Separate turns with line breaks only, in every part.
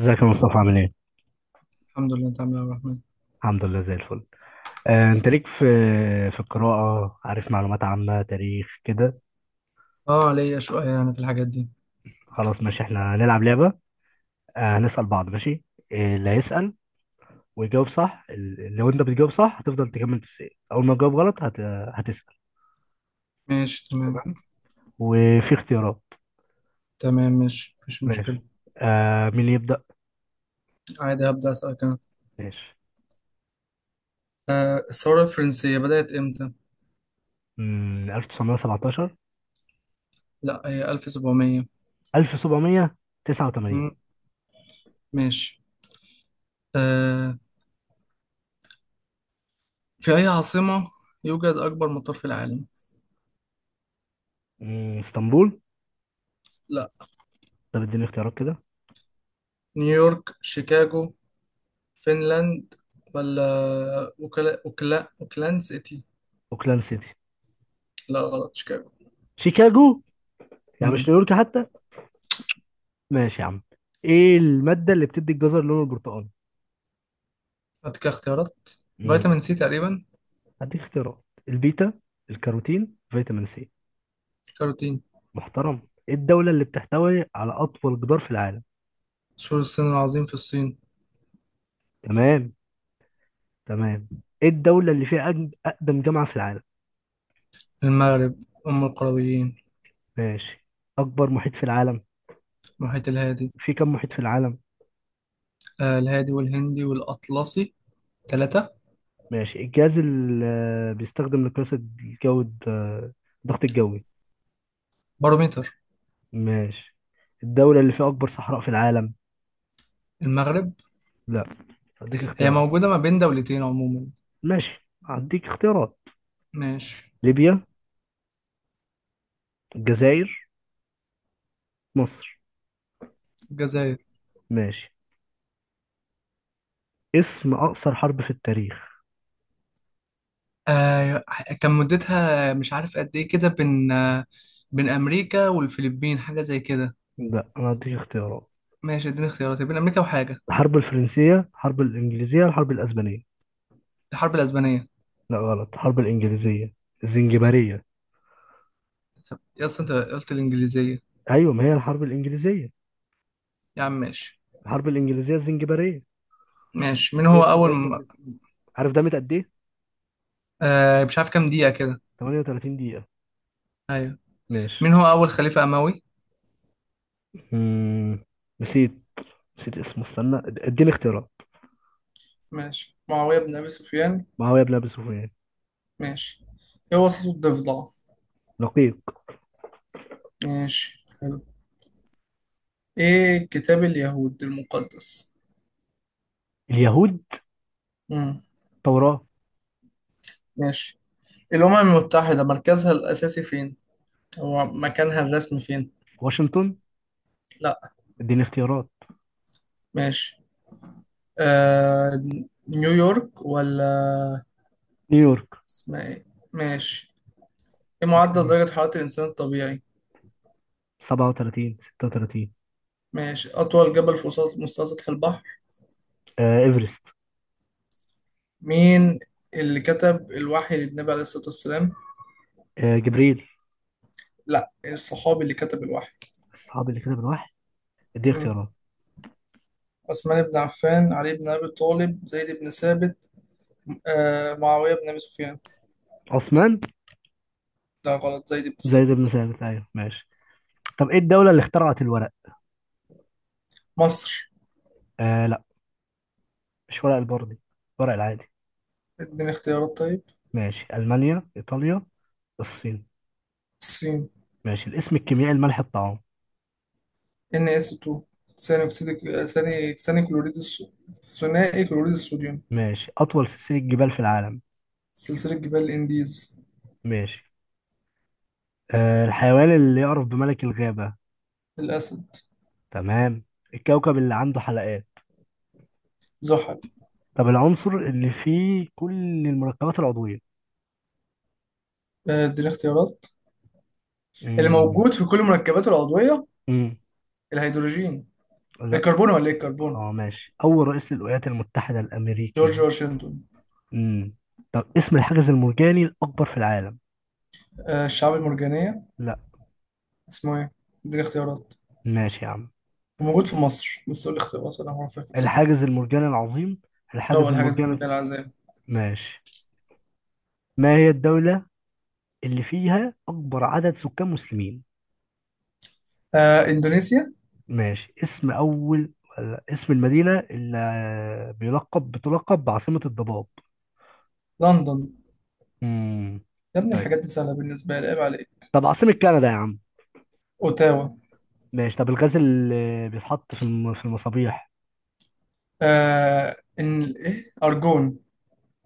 ازيك يا مصطفى عامل ايه؟
الحمد لله. انت عامل ايه يا عبد الرحمن؟
الحمد لله زي الفل. انت ليك في القراءة، عارف، معلومات عامة تاريخ كده.
اه ليا شويه يعني في الحاجات دي.
خلاص ماشي، احنا هنلعب لعبة. هنسأل بعض، ماشي؟ إيه اللي هيسأل ويجاوب صح؟ لو انت بتجاوب صح هتفضل تكمل تسأل، اول ما تجاوب غلط هتسأل.
ماشي تمام.
تمام. وفي اختيارات.
تمام ماشي، مفيش
ماشي.
مشكله.
مين اللي يبدأ؟
عادي، هبدا اسالك انا.
ماشي.
آه، الثوره الفرنسيه بدات امتى؟
1917.
لا، هي 1700.
1789.
مم. ماشي. آه في اي عاصمه يوجد اكبر مطار في العالم؟
اسطنبول.
لا.
طب اديني اختيارات كده.
نيويورك، شيكاغو، فنلاند، ولا وكلاند سيتي؟
اوكلاند سيتي.
لا غلط، شيكاغو.
شيكاغو. يعني مش
امم
نيويورك حتى. ماشي يا عم. ايه المادة اللي بتدي الجزر لونه البرتقالي؟
هات كده اختيارات.
مم.
فيتامين سي تقريبا.
هديك اختيارات. البيتا الكاروتين فيتامين سي.
كاروتين.
محترم. ايه الدولة اللي بتحتوي على أطول جدار في العالم؟
سور الصين العظيم، في الصين.
تمام تمام. ايه الدولة اللي فيها أقدم جامعة في العالم؟
المغرب، أم القرويين.
ماشي. أكبر محيط في العالم.
المحيط الهادي.
في كم محيط في العالم؟
آه، الهادي والهندي والأطلسي، ثلاثة.
ماشي. الجهاز اللي بيستخدم لقياس الجو الضغط الجوي.
بارومتر.
ماشي. الدولة اللي فيها أكبر صحراء في العالم؟
المغرب.
لا، هديك
هي
اختيارات.
موجودة ما بين دولتين عموما.
ماشي، هديك اختيارات.
ماشي،
ليبيا، الجزائر، مصر.
الجزائر.
ماشي. اسم أقصر حرب في التاريخ.
آه كان مدتها مش عارف قد إيه كده، بين بين أمريكا والفلبين، حاجة زي كده.
لا، أنا هديك اختيارات.
ماشي، اديني اختيارات بين أمريكا وحاجة.
الحرب الفرنسية، الحرب الإنجليزية، الحرب الأسبانية.
الحرب الأسبانية.
لا غلط، الحرب الإنجليزية الزنجبارية.
طب يا أصل أنت قلت الإنجليزية.
أيوة، ما هي الحرب الإنجليزية.
يا عم ماشي.
الحرب الإنجليزية الزنجبارية.
ماشي. مين هو
إيه اسم؟ عارف ده قد إيه؟
آه، مش عارف كام دقيقة كده.
38 دقيقة.
أيوه. مين
ماشي.
هو أول خليفة أموي؟
مم. نسيت نسيت اسمه، استنى، اديني اختيارات.
ماشي، معاوية بن أبي سفيان.
معاوية بن أبي سفيان.
ماشي. إيه وسط الضفدع؟
لقيق.
ماشي حلو. إيه كتاب اليهود المقدس؟
اليهود.
مم.
توراة.
ماشي. الأمم المتحدة مركزها الأساسي فين؟ هو مكانها الرسمي فين؟
واشنطن.
لأ.
اديني اختيارات.
ماشي. آه... نيويورك ولا
نيويورك.
اسمها إيه؟ ماشي. إيه معدل درجة حرارة الإنسان الطبيعي؟
37، 36.
ماشي. أطول جبل في وسط مستوى سطح البحر.
آه، ايفرست.
مين اللي كتب الوحي للنبي عليه الصلاة والسلام؟
آه، جبريل.
لأ، الصحابي اللي كتب الوحي.
الصحابي اللي كده بالواحد. دي
مم.
اختيارات.
عثمان بن عفان، علي بن أبي طالب، زيد بن ثابت، آه، معاوية بن أبي سفيان.
عثمان.
لا غلط، زيد بن
زيد بن
ثابت.
ثابت، ايوه ماشي. طب ايه الدولة اللي اخترعت الورق؟
مصر.
آه لا. مش ورق البردي، ورق العادي.
اديني اختيارات طيب.
ماشي. المانيا، ايطاليا، الصين.
الصين.
ماشي. الاسم الكيميائي لملح الطعام.
ان اس 2. ثاني أكسيد، ثاني ثاني كلوريد ثنائي كلوريد الصوديوم.
ماشي. اطول سلسلة جبال في العالم.
سلسلة جبال الإنديز.
ماشي. الحيوان اللي يعرف بملك الغابة.
الأسد.
تمام. الكوكب اللي عنده حلقات.
زحل.
طب العنصر اللي فيه كل المركبات العضوية.
آه، اديني اختيارات. اللي
امم
موجود في كل المركبات العضوية.
امم
الهيدروجين.
لا.
الكربون، ولا ايه، الكربون.
اه ماشي. أول رئيس للولايات المتحدة
جورج
الأمريكية.
واشنطن.
امم طب اسم الحاجز المرجاني الأكبر في العالم.
آه، الشعاب المرجانية.
لا.
اسمه ايه؟ اديني اختيارات،
ماشي يا عم.
وموجود في مصر بس قول لي اختيارات ولا هو فاكر اسمه.
الحاجز المرجاني العظيم. الحاجز
أول حاجة زي ما قال
المرجاني.
العزام.
ماشي. ما هي الدولة اللي فيها أكبر عدد سكان مسلمين.
آه، إندونيسيا.
ماشي. اسم أول، ولا اسم المدينة اللي بتلقب بعاصمة الضباب.
لندن.
امم
يا ابني
طيب.
الحاجات دي سهلة بالنسبة لي، عيب عليك.
طب عاصمة كندا يا عم.
أوتاوا.
ماشي. طب الغاز اللي بيتحط في في المصابيح.
آه، إن إيه أرجون.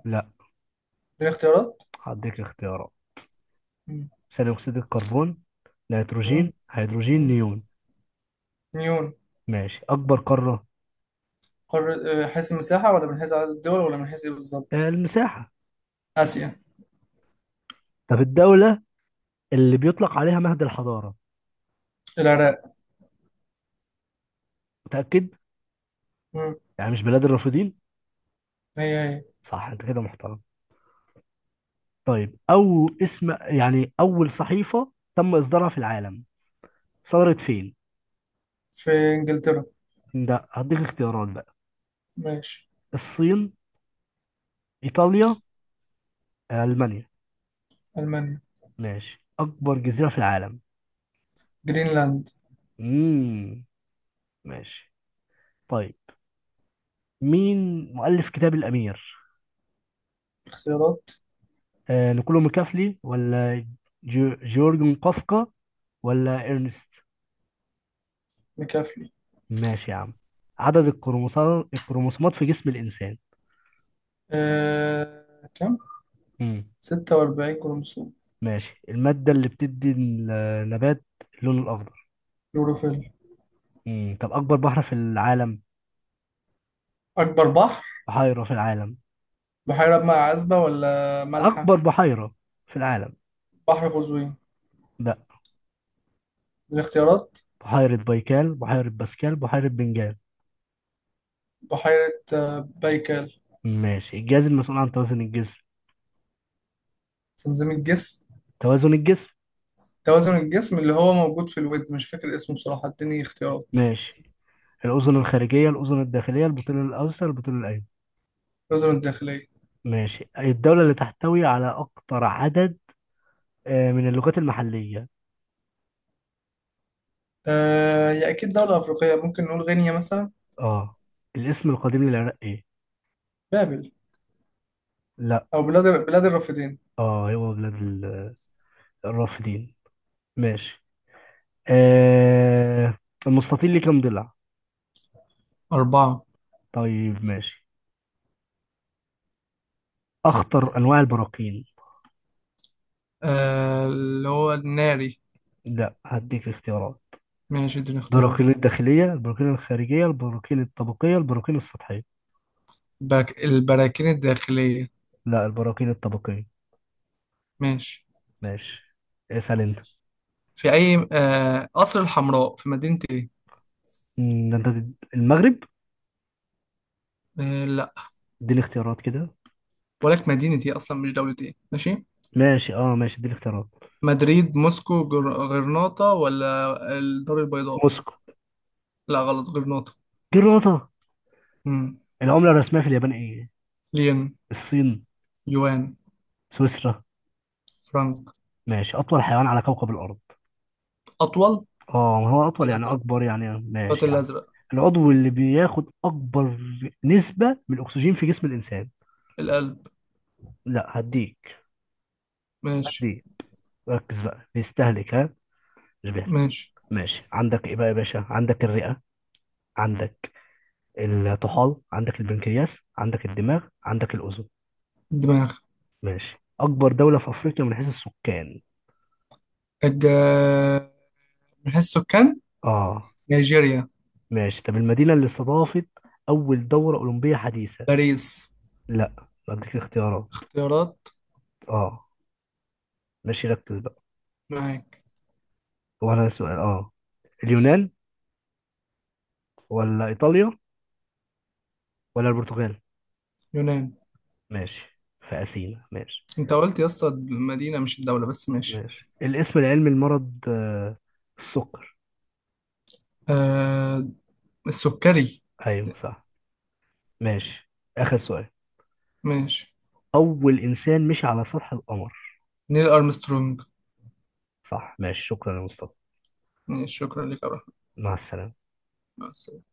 لا،
دي اختيارات.
هديك اختيارات.
مم.
ثاني اكسيد الكربون،
مم.
نيتروجين، هيدروجين،
مم.
نيون.
نيون.
ماشي. اكبر قاره.
قارة، آه، حيث المساحة، ولا من حيث عدد الدول، ولا من حيث إيه بالظبط؟
المساحه.
آسيا.
طب الدوله اللي بيطلق عليها مهد الحضاره.
العراق.
متاكد؟
مم.
يعني مش بلاد الرافدين.
هي هي.
صح، انت كده محترم. طيب، او اسم، يعني، اول صحيفه تم اصدارها في العالم. صدرت فين؟
في إنجلترا.
ده هديك اختيارات بقى.
ماشي.
الصين، ايطاليا، المانيا.
ألمانيا.
ماشي. اكبر جزيره في العالم.
جرينلاند.
امم ماشي. طيب. مين مؤلف كتاب الامير؟
اختيارات.
نيكولو ميكافلي ولا جيورجن قفقة ولا إرنست.
مكافلي.
ماشي يا عم. عدد الكروموسومات في جسم الإنسان.
آه، كم؟
مم.
46 كروموسوم.
ماشي. المادة اللي بتدي النبات اللون الأخضر.
يوروفيل.
مم. طب أكبر بحر في العالم.
أكبر بحر.
بحيرة في العالم.
بحيرة بماء عذبة ولا مالحة؟
أكبر بحيرة في العالم.
بحر قزوين.
لا.
الاختيارات.
بحيرة بايكال، بحيرة باسكال، بحيرة بنجال.
بحيرة، آه، بايكال.
ماشي. الجهاز المسؤول عن توازن الجسم.
تنظيم الجسم.
توازن الجسم.
توازن الجسم اللي هو موجود في الودن، مش فاكر اسمه بصراحة، اديني اختيارات.
ماشي. الأذن الخارجية، الأذن الداخلية، البطيل الأيسر، البطيل الأيمن.
الأذن الداخلية.
ماشي. الدولة اللي تحتوي على أكتر عدد من اللغات المحلية.
آه، هي أكيد دولة أفريقية، ممكن نقول غينيا مثلا.
اه. الاسم القديم للعراق ايه؟
بابل،
لا.
أو بلاد الرافدين.
اه، هو بلاد الرافدين. ماشي. آه المستطيل ليه كام ضلع؟
أربعة.
طيب ماشي. أخطر أنواع البراكين.
آه، اللي هو الناري.
لا، هديك اختيارات.
ماشي، اديني اختيار.
البراكين الداخلية، البراكين الخارجية، البراكين الطبقية، البراكين السطحية.
باك، البراكين الداخلية.
لا، البراكين الطبقية.
ماشي.
ماشي. اسأل انت.
في أي قصر الحمراء في مدينة
ده انت المغرب.
إيه؟
اديني اختيارات كده.
ولك مدينة ايه اصلا، مش دولة ايه، ماشي.
ماشي، اه ماشي، اديني اختيارات.
مدريد، موسكو، غرناطة، ولا الدار البيضاء.
موسكو.
لا غلط، غرناطة.
دي الرطة.
امم
العملة الرسمية في اليابان ايه؟
لين.
الصين.
يوان.
سويسرا.
فرانك.
ماشي. أطول حيوان على كوكب الأرض.
اطول.
اه، ما هو أطول يعني
الازرق.
أكبر، يعني
الخط
ماشي يعني.
الازرق.
العضو اللي بياخد أكبر نسبة من الأكسجين في جسم الإنسان.
القلب.
لا، هديك.
ماشي.
هديك. ركز بقى، بيستهلك، ها، مش بيهلك.
ماشي.
ماشي. عندك ايه بقى يا باشا؟ عندك الرئة، عندك الطحال، عندك البنكرياس، عندك الدماغ، عندك الأذن.
الدماغ.
ماشي. أكبر دولة في أفريقيا من حيث السكان.
الج... من حيث السكان.
اه.
نيجيريا.
ماشي. طب المدينة اللي استضافت أول دورة أولمبية حديثة.
باريس.
لا، أديك اختيارات.
اختيارات.
اه. ماشي، ركز بقى.
معاك.
هو أنا السؤال، اه، اليونان ولا إيطاليا ولا البرتغال.
يونان.
ماشي، في أثينا، ماشي.
انت قلت يا اسطى المدينة مش الدولة، بس ماشي.
ماشي. الاسم العلمي لمرض السكر.
آه... السكري.
أيوه صح. ماشي. آخر سؤال.
ماشي.
أول إنسان مشي على سطح القمر.
نيل أرمسترونج.
صح ماشي، شكرا يا مصطفى.
شكرا لك يا رحمة.
مع السلامة.
مع السلامة.